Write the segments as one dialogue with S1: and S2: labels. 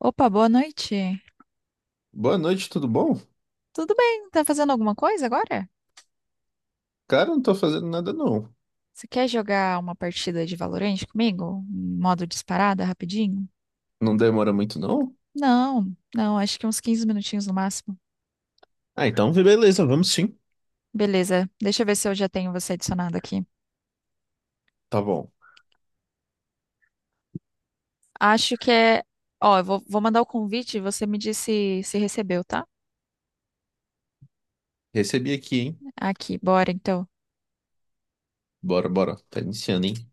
S1: Opa, boa noite.
S2: Boa noite, tudo bom?
S1: Tudo bem? Tá fazendo alguma coisa agora?
S2: Cara, não tô fazendo nada não.
S1: Você quer jogar uma partida de Valorant comigo? Em Modo disparada, rapidinho?
S2: Não demora muito não?
S1: Não, não, acho que uns 15 minutinhos no máximo.
S2: Ah, então beleza, vamos sim.
S1: Beleza, deixa eu ver se eu já tenho você adicionado aqui.
S2: Tá bom.
S1: Acho que é. Ó, eu vou mandar o convite e você me diz se recebeu, tá?
S2: Recebi aqui, hein?
S1: Aqui, bora então.
S2: Bora, bora. Tá iniciando, hein?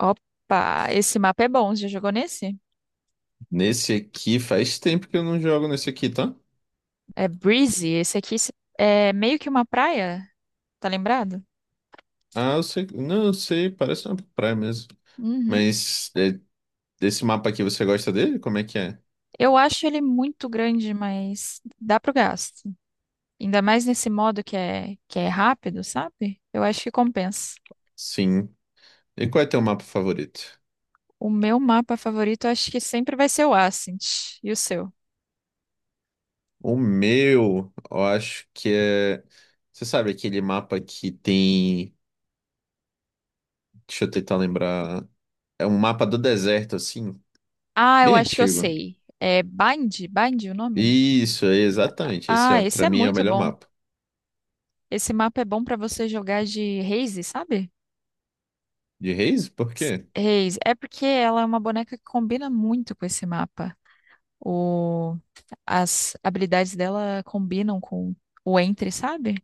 S1: Opa, esse mapa é bom, você já jogou nesse?
S2: Nesse aqui faz tempo que eu não jogo nesse aqui, tá?
S1: É Breezy, esse aqui é meio que uma praia, tá lembrado?
S2: Ah, eu sei. Não, eu sei, parece uma praia mesmo.
S1: Uhum.
S2: Mas é, desse mapa aqui, você gosta dele? Como é que é?
S1: Eu acho ele muito grande, mas dá pro gasto. Ainda mais nesse modo que é rápido, sabe? Eu acho que compensa.
S2: Sim. E qual é teu mapa favorito?
S1: O meu mapa favorito, eu acho que sempre vai ser o Ascent. E o seu?
S2: O meu, eu acho que é. Você sabe aquele mapa que tem. Deixa eu tentar lembrar. É um mapa do deserto, assim,
S1: Ah, eu
S2: bem
S1: acho que eu
S2: antigo.
S1: sei. É Bind? Bind o nome?
S2: Isso, é exatamente. Esse,
S1: Ah,
S2: é,
S1: esse
S2: pra
S1: é
S2: mim, é o
S1: muito
S2: melhor
S1: bom.
S2: mapa.
S1: Esse mapa é bom pra você jogar de Raze, sabe?
S2: De Reis? Por quê?
S1: Raze. É porque ela é uma boneca que combina muito com esse mapa. O... As habilidades dela combinam com o Entry, sabe?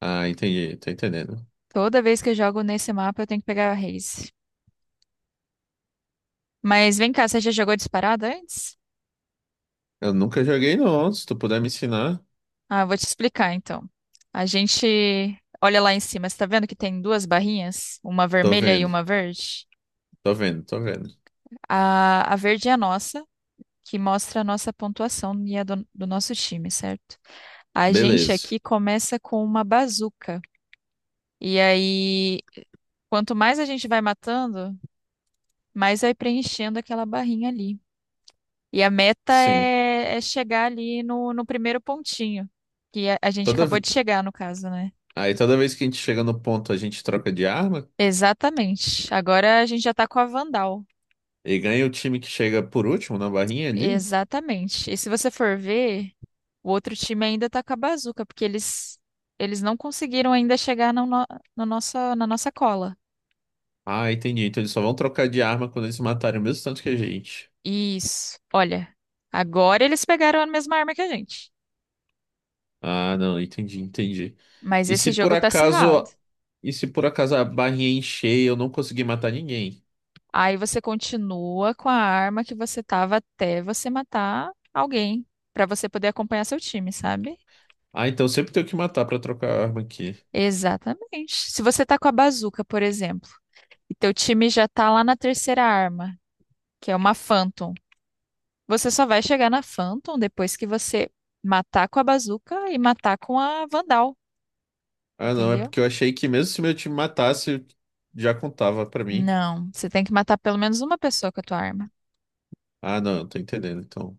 S2: Ah, entendi, tô entendendo.
S1: Toda vez que eu jogo nesse mapa, eu tenho que pegar a Raze. Mas vem cá, você já jogou disparada antes?
S2: Eu nunca joguei, não. Se tu puder me ensinar,
S1: Ah, eu vou te explicar então. A gente olha lá em cima, você tá vendo que tem duas barrinhas? Uma
S2: tô
S1: vermelha e
S2: vendo,
S1: uma verde?
S2: tô vendo.
S1: A verde é a nossa, que mostra a nossa pontuação e a do nosso time, certo? A gente
S2: Beleza.
S1: aqui começa com uma bazuca. E aí, quanto mais a gente vai matando, mais vai preenchendo aquela barrinha ali. E a meta
S2: Sim.
S1: é chegar ali no primeiro pontinho, que a gente
S2: Toda...
S1: acabou
S2: ve-
S1: de chegar, no caso, né?
S2: Aí toda vez que a gente chega no ponto, a gente troca de arma
S1: Exatamente. Agora a gente já tá com a Vandal.
S2: e ganha o time que chega por último na barrinha ali.
S1: Exatamente. E se você for ver, o outro time ainda tá com a Bazooka, porque eles não conseguiram ainda chegar no, no, no nossa, na nossa cola.
S2: Ah, entendi. Então eles só vão trocar de arma quando eles matarem o mesmo tanto que a gente.
S1: Isso. Olha, agora eles pegaram a mesma arma que a gente.
S2: Ah, não, entendi, entendi.
S1: Mas
S2: E se
S1: esse
S2: por
S1: jogo tá acirrado.
S2: acaso, e se por acaso a barrinha encher e eu não conseguir matar ninguém?
S1: Aí você continua com a arma que você tava até você matar alguém, pra você poder acompanhar seu time, sabe?
S2: Ah, então sempre tenho que matar pra trocar a arma aqui.
S1: Exatamente. Se você tá com a bazuca, por exemplo, e teu time já tá lá na terceira arma, que é uma Phantom, você só vai chegar na Phantom depois que você matar com a bazuca e matar com a Vandal,
S2: Ah, não, é
S1: entendeu?
S2: porque eu achei que mesmo se meu time matasse, já contava pra mim.
S1: Não, você tem que matar pelo menos uma pessoa com a tua arma.
S2: Ah, não, eu tô entendendo, então.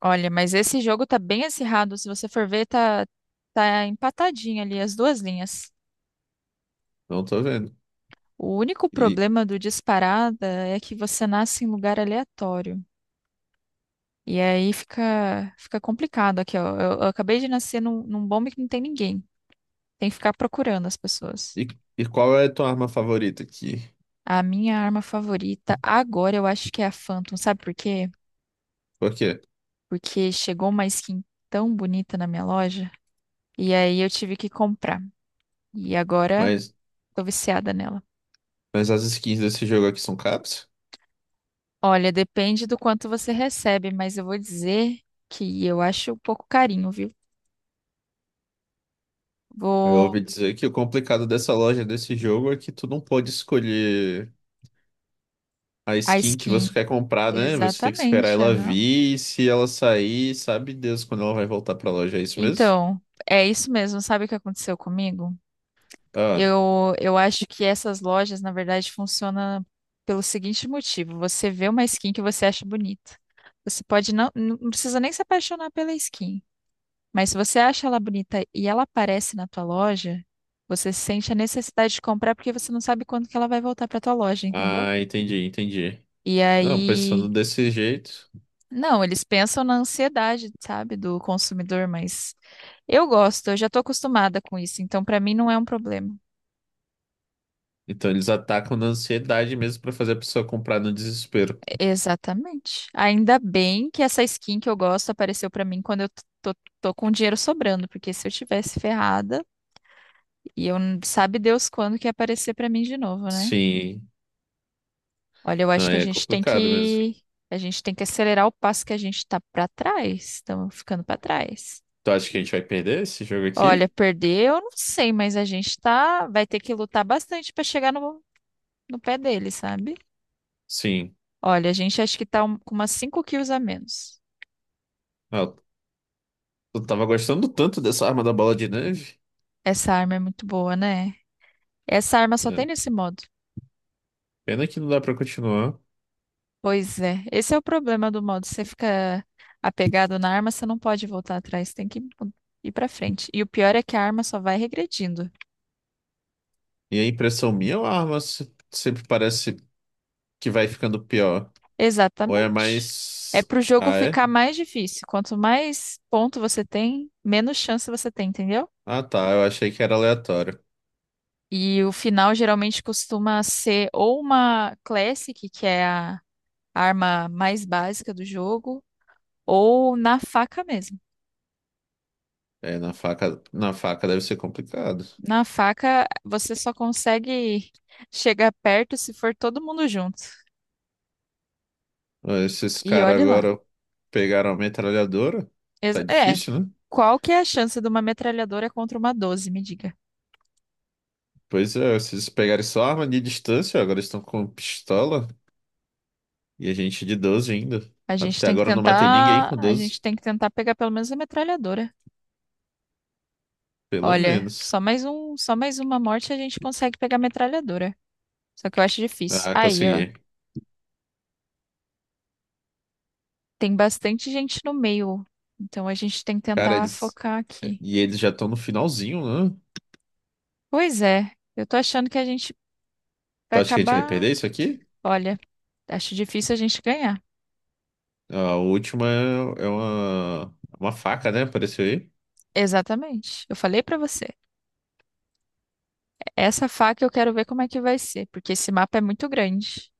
S1: Olha, mas esse jogo tá bem acirrado, se você for ver, tá empatadinho ali as duas linhas.
S2: Não tô vendo.
S1: O único
S2: E,
S1: problema do disparada é que você nasce em lugar aleatório. E aí fica complicado aqui, ó. Eu acabei de nascer num bombe que não tem ninguém. Tem que ficar procurando as pessoas.
S2: e, e qual é a tua arma favorita aqui?
S1: A minha arma favorita agora eu acho que é a Phantom. Sabe por quê?
S2: Por quê?
S1: Porque chegou uma skin tão bonita na minha loja. E aí eu tive que comprar. E agora
S2: Mas,
S1: tô viciada nela.
S2: mas as skins desse jogo aqui são caps?
S1: Olha, depende do quanto você recebe, mas eu vou dizer que eu acho um pouco carinho, viu?
S2: Eu
S1: Vou.
S2: ouvi dizer que o complicado dessa loja, desse jogo, é que tu não pode escolher a
S1: A
S2: skin que
S1: skin.
S2: você quer comprar, né? Você tem que esperar
S1: Exatamente,
S2: ela
S1: aham.
S2: vir. E se ela sair, sabe Deus quando ela vai voltar pra loja. É isso mesmo?
S1: Então, é isso mesmo. Sabe o que aconteceu comigo?
S2: Ah,
S1: Eu acho que essas lojas, na verdade, funcionam pelo seguinte motivo: você vê uma skin que você acha bonita. Você pode não precisa nem se apaixonar pela skin, mas se você acha ela bonita e ela aparece na tua loja, você sente a necessidade de comprar porque você não sabe quando que ela vai voltar para tua loja, entendeu?
S2: ah, entendi, entendi.
S1: E
S2: Não, pensando
S1: aí
S2: desse jeito.
S1: não, eles pensam na ansiedade, sabe, do consumidor, mas eu gosto, eu já estou acostumada com isso, então para mim não é um problema.
S2: Então eles atacam na ansiedade mesmo pra fazer a pessoa comprar no desespero.
S1: Exatamente. Ainda bem que essa skin que eu gosto apareceu para mim quando eu tô, tô com dinheiro sobrando, porque se eu tivesse ferrada, e eu sabe Deus quando que ia aparecer para mim de novo, né?
S2: Sim,
S1: Olha, eu acho
S2: não,
S1: que
S2: é complicado mesmo.
S1: a gente tem que acelerar o passo que a gente tá para trás, estamos ficando para trás.
S2: Tu acha que a gente vai perder esse jogo aqui?
S1: Olha, perder, eu não sei, mas a gente tá, vai ter que lutar bastante para chegar no pé dele, sabe?
S2: Sim.
S1: Olha, a gente acho que tá com umas 5 quilos a menos.
S2: Ah, eu tava gostando tanto dessa arma da bola de neve.
S1: Essa arma é muito boa, né? Essa arma só tem
S2: É,
S1: nesse modo.
S2: pena que não dá pra continuar.
S1: Pois é, esse é o problema do modo. Você fica apegado na arma, você não pode voltar atrás, tem que ir pra frente. E o pior é que a arma só vai regredindo.
S2: E a impressão minha, a arma sempre parece que vai ficando pior. Ou é
S1: Exatamente. É
S2: mais.
S1: pro jogo
S2: Ah, é?
S1: ficar mais difícil. Quanto mais ponto você tem, menos chance você tem, entendeu?
S2: Ah, tá. Eu achei que era aleatório.
S1: E o final geralmente costuma ser ou uma Classic, que é a arma mais básica do jogo, ou na faca mesmo.
S2: É, na faca deve ser complicado.
S1: Na faca, você só consegue chegar perto se for todo mundo junto.
S2: Ah, esses
S1: E
S2: caras
S1: olhe lá.
S2: agora pegaram a metralhadora. Tá
S1: É,
S2: difícil, né?
S1: qual que é a chance de uma metralhadora contra uma 12, me diga?
S2: Pois é, se eles pegarem só arma de distância, agora eles estão com pistola. E a gente de 12 ainda. Até agora eu não matei ninguém com
S1: A gente
S2: doze.
S1: tem que tentar pegar pelo menos a metralhadora.
S2: Pelo
S1: Olha,
S2: menos.
S1: só mais um, só mais uma morte a gente consegue pegar a metralhadora. Só que eu acho difícil.
S2: Ah,
S1: Aí, ó.
S2: consegui.
S1: Tem bastante gente no meio, então a gente tem que
S2: Cara,
S1: tentar
S2: eles.
S1: focar aqui.
S2: E eles já estão no finalzinho, né?
S1: Pois é, eu tô achando que a gente
S2: Tu
S1: vai
S2: acha que a gente vai
S1: acabar.
S2: perder isso aqui?
S1: Olha, acho difícil a gente ganhar.
S2: A última é uma, é uma faca, né? Apareceu aí.
S1: Exatamente. Eu falei pra você. Essa faca eu quero ver como é que vai ser, porque esse mapa é muito grande.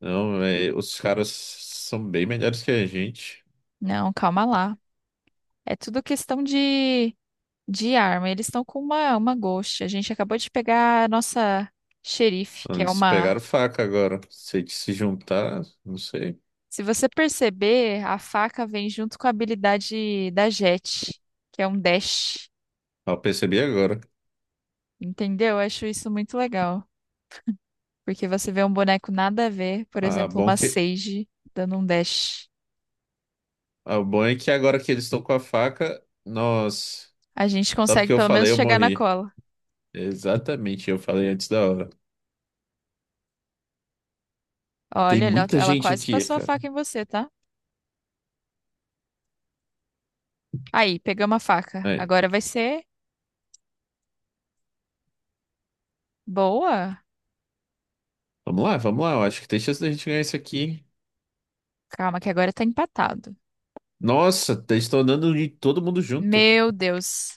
S2: Não, é, os caras são bem melhores que a gente.
S1: Não, calma lá. É tudo questão de arma. Eles estão com uma Ghost. A gente acabou de pegar a nossa xerife, que é
S2: Eles
S1: uma
S2: pegaram faca agora. Se a gente se juntar, não sei.
S1: Se você perceber, a faca vem junto com a habilidade da Jet, que é um dash.
S2: Ah, eu percebi agora.
S1: Entendeu? Eu acho isso muito legal. Porque você vê um boneco nada a ver, por
S2: Ah,
S1: exemplo,
S2: bom
S1: uma
S2: que,
S1: Sage dando um dash.
S2: ah, bom é que agora que eles estão com a faca, nós.
S1: A gente
S2: Só
S1: consegue
S2: porque eu
S1: pelo menos
S2: falei, eu
S1: chegar na
S2: morri.
S1: cola.
S2: Exatamente, eu falei antes da hora. Tem
S1: Olha, ela
S2: muita
S1: ela
S2: gente
S1: quase
S2: aqui,
S1: passou a
S2: cara.
S1: faca em você, tá? Aí, pegamos a faca.
S2: Aí,
S1: Agora vai ser boa.
S2: vamos lá, vamos lá. Eu acho que tem chance da gente ganhar isso aqui.
S1: Calma, que agora tá empatado.
S2: Nossa, eles estão andando de todo mundo junto.
S1: Meu Deus.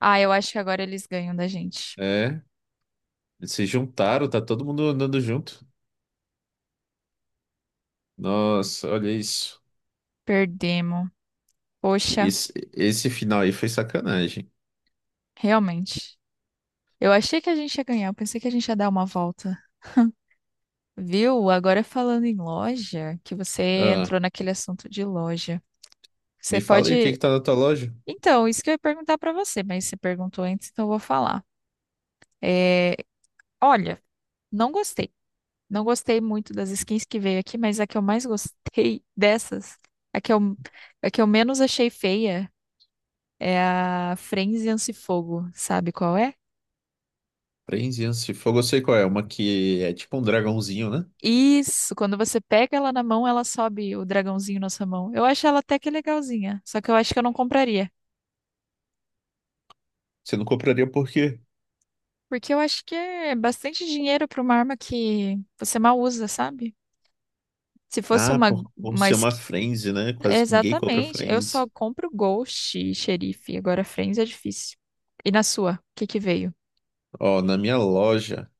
S1: Ah, eu acho que agora eles ganham da gente.
S2: É. Eles se juntaram, tá todo mundo andando junto. Nossa, olha isso.
S1: Perdemos. Poxa,
S2: Esse final aí foi sacanagem.
S1: realmente. Eu achei que a gente ia ganhar, eu pensei que a gente ia dar uma volta. Viu? Agora falando em loja, que você
S2: Ah,
S1: entrou naquele assunto de loja. Você
S2: me fala aí o que que
S1: pode.
S2: tá na tua loja.
S1: Então, isso que eu ia perguntar pra você, mas você perguntou antes, então eu vou falar. É, olha, não gostei. Não gostei muito das skins que veio aqui, mas a que eu mais gostei dessas, a que eu, a que eu menos achei feia, é a Frenzy Fogo. Sabe qual é?
S2: Frenzy e de fogo, eu sei qual é. Uma que é tipo um dragãozinho, né?
S1: Isso, quando você pega ela na mão, ela sobe o dragãozinho na sua mão. Eu acho ela até que legalzinha, só que eu acho que eu não compraria.
S2: Você não compraria por quê?
S1: Porque eu acho que é bastante dinheiro pra uma arma que você mal usa, sabe? Se fosse
S2: Ah, por
S1: uma
S2: ser uma
S1: skin.
S2: Frenzy, né? Quase ninguém compra
S1: Exatamente, eu só
S2: Frenzy.
S1: compro Ghost e Xerife, agora Friends é difícil. E na sua, o que que veio?
S2: Ó, na minha loja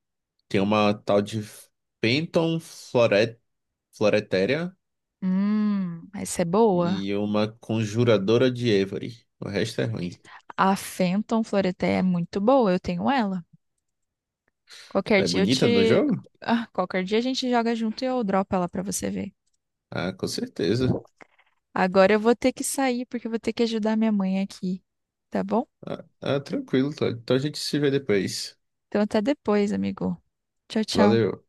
S2: tem uma tal de Phantom Floret, Floretéria
S1: Essa é boa.
S2: e uma Conjuradora de Avery. O resto é ruim.
S1: A Phantom Floreté é muito boa, eu tenho ela. Qualquer
S2: É
S1: dia eu
S2: bonita no
S1: te.
S2: jogo?
S1: Ah, qualquer dia a gente joga junto e eu dropo ela pra você ver.
S2: Ah, com certeza.
S1: Agora eu vou ter que sair porque eu vou ter que ajudar minha mãe aqui, tá bom?
S2: Ah, ah, tranquilo, Todd. Então a gente se vê depois.
S1: Então até depois, amigo. Tchau, tchau.
S2: Valeu.